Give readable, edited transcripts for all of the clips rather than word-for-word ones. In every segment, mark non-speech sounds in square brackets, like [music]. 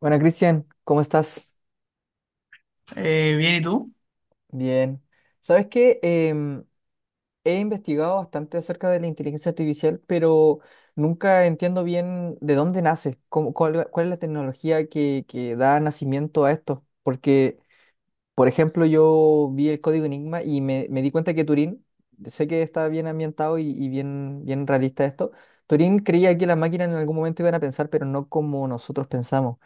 Bueno, Cristian, ¿cómo estás? Bien, ¿y tú? Bien. ¿Sabes qué? He investigado bastante acerca de la inteligencia artificial, pero nunca entiendo bien de dónde nace, cuál, cuál es la tecnología que da nacimiento a esto, porque por ejemplo, yo vi el código Enigma y me di cuenta que Turín, sé que está bien ambientado y bien, bien realista esto. Turín creía que las máquinas en algún momento iban a pensar, pero no como nosotros pensamos.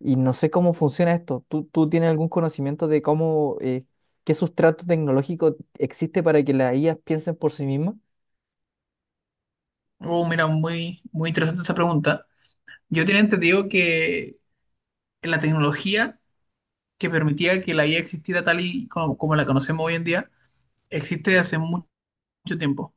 Y no sé cómo funciona esto. ¿Tú tienes algún conocimiento de cómo, qué sustrato tecnológico existe para que las IAs piensen por sí mismas? Oh, mira, muy, muy interesante esa pregunta. Yo tenía entendido que la tecnología que permitía que la IA existiera tal y como, como la conocemos hoy en día, existe mucho tiempo.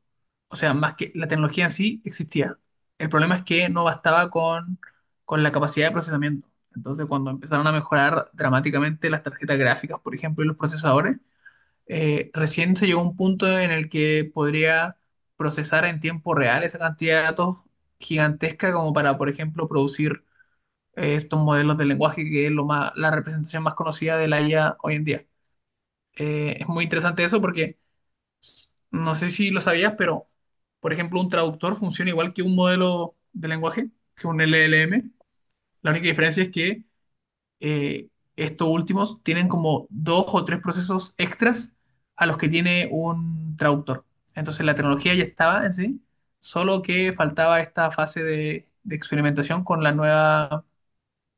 O sea, más que la tecnología en sí existía. El problema es que no bastaba con la capacidad de procesamiento. Entonces, cuando empezaron a mejorar dramáticamente las tarjetas gráficas, por ejemplo, y los procesadores, recién se llegó a un punto en el que podría procesar en tiempo real esa cantidad de datos gigantesca como para, por ejemplo, producir estos modelos de lenguaje que es lo más, la representación más conocida de la IA hoy en día. Es muy interesante eso porque no sé si lo sabías, pero, por ejemplo, un traductor funciona igual que un modelo de lenguaje, que un LLM. La única diferencia es que eh, estos últimos tienen como dos o tres procesos extras a los que tiene un traductor. Entonces la tecnología ya estaba en sí, solo que faltaba esta fase de experimentación con la nueva,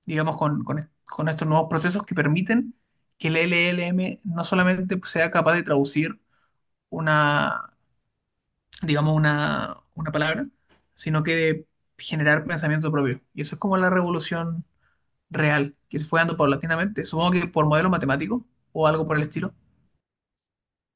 digamos, con estos nuevos procesos que permiten que el LLM no solamente sea capaz de traducir una, digamos, una palabra, sino que de generar pensamiento propio. Y eso es como la revolución real que se fue dando paulatinamente. Supongo que por modelos matemáticos o algo por el estilo.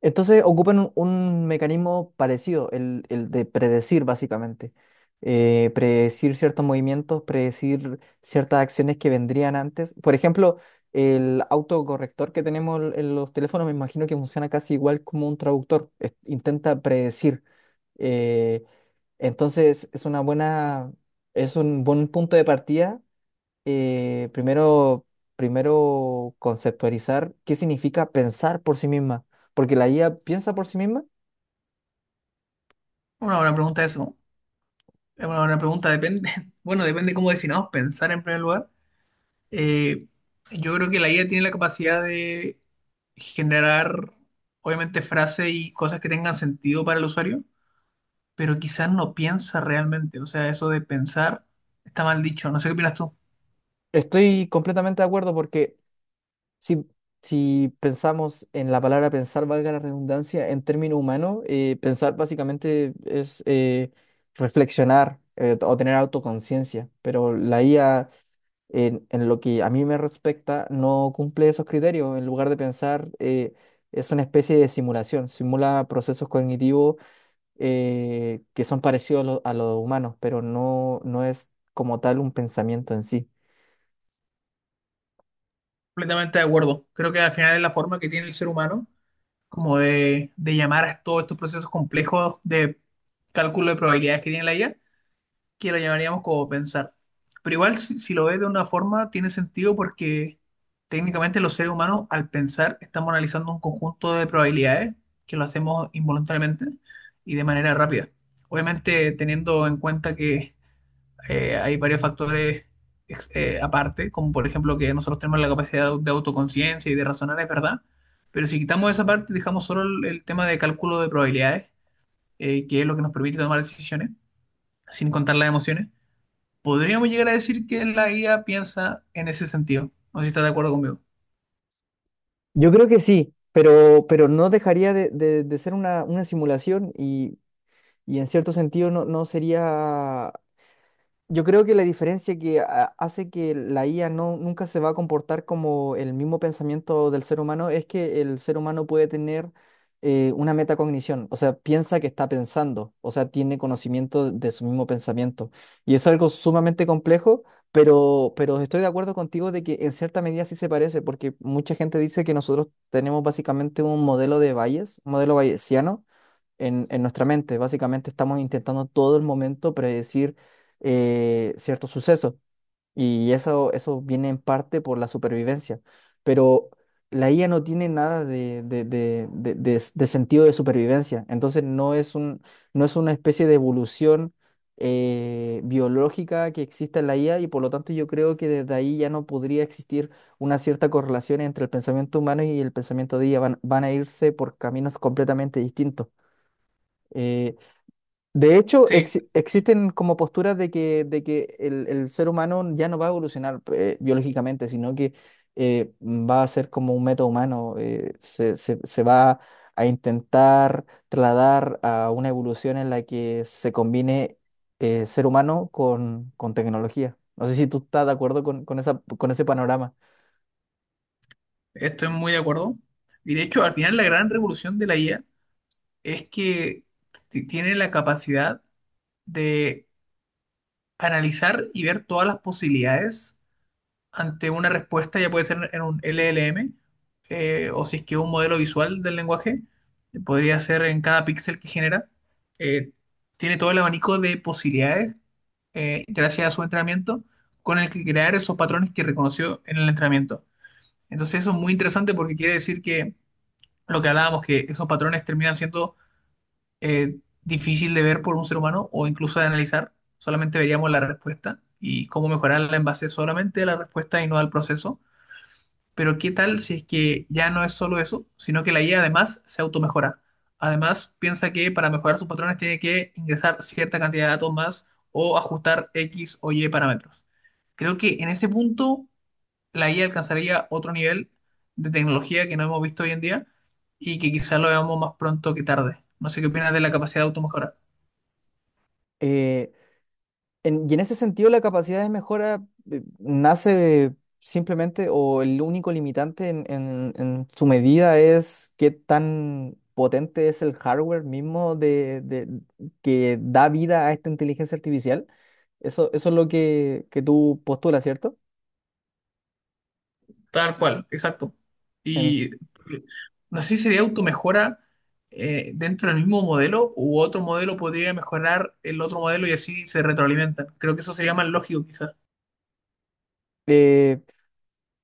Entonces ocupan un mecanismo parecido, el de predecir básicamente. Predecir ciertos movimientos, predecir ciertas acciones que vendrían antes. Por ejemplo, el autocorrector que tenemos en los teléfonos me imagino que funciona casi igual como un traductor. Intenta predecir. Eh, entonces es una es un buen punto de partida. eh, primero, primero conceptualizar qué significa pensar por sí misma, porque la IA piensa por sí misma. Una buena pregunta eso. Es una buena pregunta, depende. [laughs] Bueno, depende cómo definamos pensar en primer lugar. Eh, yo creo que la IA tiene la capacidad de generar, obviamente, frases y cosas que tengan sentido para el usuario, pero quizás no piensa realmente. O sea, eso de pensar está mal dicho. No sé qué opinas tú. Estoy completamente de acuerdo porque si, si pensamos en la palabra pensar, valga la redundancia, en términos humanos, pensar básicamente es reflexionar, o tener autoconciencia, pero la IA... en lo que a mí me respecta, no cumple esos criterios. En lugar de pensar, es una especie de simulación, simula procesos cognitivos que son parecidos a a los humanos, pero no es como tal un pensamiento en sí. Completamente de acuerdo. Creo que al final es la forma que tiene el ser humano como de llamar a todos estos procesos complejos de cálculo de probabilidades que tiene la IA, que lo llamaríamos como pensar. Pero igual, si lo ves de una forma, tiene sentido porque técnicamente los seres humanos, al pensar, estamos analizando un conjunto de probabilidades que lo hacemos involuntariamente y de manera rápida. Obviamente, teniendo en cuenta que hay varios factores aparte, como por ejemplo que nosotros tenemos la capacidad de autoconciencia y de razonar, es verdad, pero si quitamos esa parte y dejamos solo el tema de cálculo de probabilidades, que es lo que nos permite tomar decisiones, sin contar las emociones, podríamos llegar a decir que la guía piensa en ese sentido. No sé si estás de acuerdo conmigo. Yo creo que sí, pero no dejaría de ser una simulación y en cierto sentido no sería. Yo creo que la diferencia hace que la IA no, nunca se va a comportar como el mismo pensamiento del ser humano es que el ser humano puede tener una metacognición, o sea, piensa que está pensando, o sea, tiene conocimiento de su mismo pensamiento. Y es algo sumamente complejo, pero estoy de acuerdo contigo de que en cierta medida sí se parece, porque mucha gente dice que nosotros tenemos básicamente un modelo de Bayes, un modelo bayesiano en nuestra mente. Básicamente estamos intentando todo el momento predecir ciertos sucesos eso viene en parte por la supervivencia. Pero la IA no tiene nada de sentido de supervivencia, entonces no es no es una especie de evolución biológica que exista en la IA, y por lo tanto yo creo que desde ahí ya no podría existir una cierta correlación entre el pensamiento humano y el pensamiento de IA. Van a irse por caminos completamente distintos. Eh, de hecho, Sí, existen como posturas de que el ser humano ya no va a evolucionar, biológicamente, sino que va a ser como un meta humano, se va a intentar trasladar a una evolución en la que se combine, ser humano con tecnología. No sé si tú estás de acuerdo con esa, con ese panorama. estoy muy de acuerdo. Y de hecho, al final la gran revolución de la IA es que tiene la capacidad de analizar y ver todas las posibilidades ante una respuesta, ya puede ser en un LLM, o si es que un modelo visual del lenguaje, podría ser en cada píxel que genera. eh, Tiene todo el abanico de posibilidades, gracias a su entrenamiento, con el que crear esos patrones que reconoció en el entrenamiento. Entonces eso es muy interesante porque quiere decir que lo que hablábamos, que esos patrones terminan siendo eh, difícil de ver por un ser humano o incluso de analizar. Solamente veríamos la respuesta y cómo mejorarla en base solamente a la respuesta y no al proceso. Pero ¿qué tal si es que ya no es solo eso, sino que la IA además se automejora? Además, piensa que para mejorar sus patrones tiene que ingresar cierta cantidad de datos más o ajustar X o Y parámetros. Creo que en ese punto la IA alcanzaría otro nivel de tecnología que no hemos visto hoy en día y que quizás lo veamos más pronto que tarde. No sé qué opinas de la capacidad de automejora. Eh, En- Y en ese sentido, la capacidad de mejora nace simplemente, o el único limitante en su medida es qué tan potente es el hardware mismo que da vida a esta inteligencia artificial. Eso es lo que tú postulas, ¿cierto? Tal cual, exacto. En- Y no sé si sería automejora dentro del mismo modelo u otro modelo podría mejorar el otro modelo y así se retroalimentan. Creo que eso sería más lógico quizás. eh,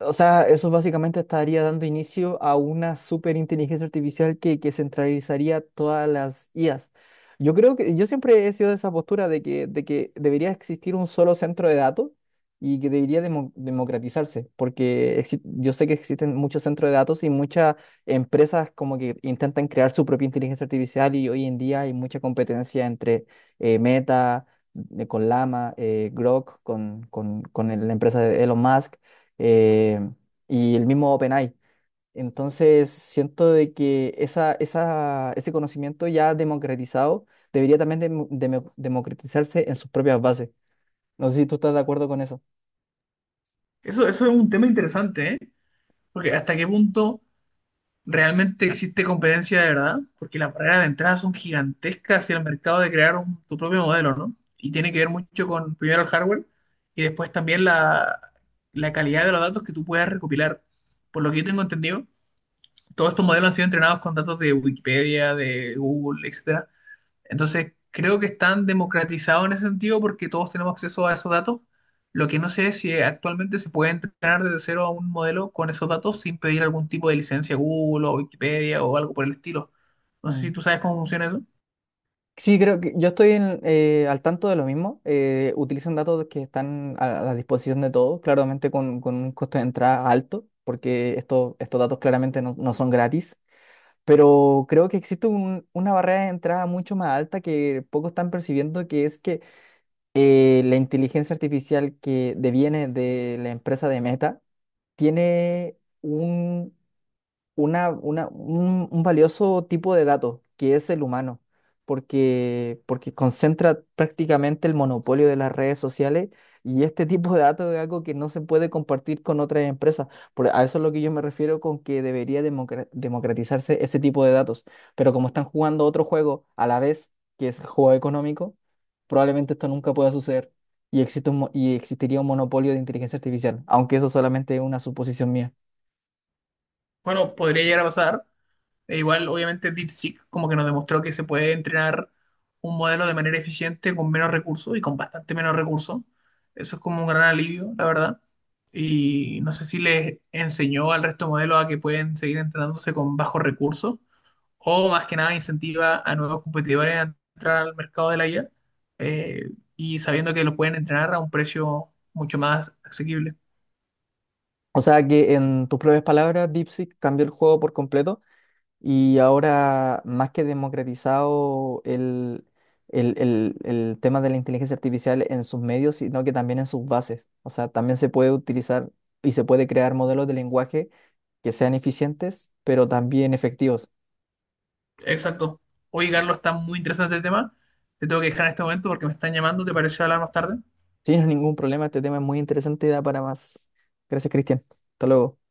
O sea, eso básicamente estaría dando inicio a una superinteligencia artificial que centralizaría todas las IAs. Yo creo que yo siempre he sido de esa postura de que debería existir un solo centro de datos y que debería democratizarse, porque yo sé que existen muchos centros de datos y muchas empresas como que intentan crear su propia inteligencia artificial, y hoy en día hay mucha competencia entre Meta, con Llama, Grok, con la empresa de Elon Musk, eh, y el mismo OpenAI. Entonces, siento de que esa, ese conocimiento ya democratizado debería también democratizarse en sus propias bases. No sé si tú estás de acuerdo con eso. Eso es un tema interesante, ¿eh? Porque hasta qué punto realmente existe competencia de verdad, porque las barreras de entrada son gigantescas hacia el mercado de crear tu propio modelo, ¿no? Y tiene que ver mucho con primero el hardware y después también la calidad de los datos que tú puedas recopilar. Por lo que yo tengo entendido, todos estos modelos han sido entrenados con datos de Wikipedia, de Google, etcétera. Entonces, creo que están democratizados en ese sentido porque todos tenemos acceso a esos datos. Lo que no sé es si actualmente se puede entrenar desde cero a un modelo con esos datos sin pedir algún tipo de licencia a Google o Wikipedia o algo por el estilo. No sé si Mm. tú sabes cómo funciona eso. Sí, creo que yo estoy al tanto de lo mismo. Utilizan datos que están a la disposición de todos, claramente con un costo de entrada alto, porque estos datos claramente no son gratis. Pero creo que existe una barrera de entrada mucho más alta que pocos están percibiendo, que es que la inteligencia artificial que deviene de la empresa de Meta tiene un, una- un valioso tipo de dato, que es el humano, porque, porque concentra prácticamente el monopolio de las redes sociales, y este tipo de datos es algo que no se puede compartir con otras empresas. Por, a eso es lo que yo me refiero con que debería democratizarse ese tipo de datos. Pero como están jugando otro juego a la vez, que es el juego económico, probablemente esto nunca pueda suceder. Existe un mo- y existiría un monopolio de inteligencia artificial, aunque eso solamente es una suposición mía. Bueno, podría llegar a pasar, e igual, obviamente, DeepSeek como que nos demostró que se puede entrenar un modelo de manera eficiente con menos recursos y con bastante menos recursos. Eso es como un gran alivio, la verdad. Y no sé si les enseñó al resto de modelos a que pueden seguir entrenándose con bajos recursos o más que nada incentiva a nuevos competidores a entrar al mercado de la IA eh, y sabiendo que lo pueden entrenar a un precio mucho más asequible. O sea que en tus propias palabras, DeepSeek cambió el juego por completo, y ahora más que democratizado el tema de la inteligencia artificial en sus medios, sino que también en sus bases. O sea, también se puede utilizar y se puede crear modelos de lenguaje que sean eficientes, pero también efectivos. Exacto. Oye, Carlos, está muy interesante el tema. Te tengo que dejar en este momento porque me están llamando. ¿Te parece hablar más tarde? Sin ningún problema, este tema es muy interesante y da para más. Gracias, Cristian. Hasta luego.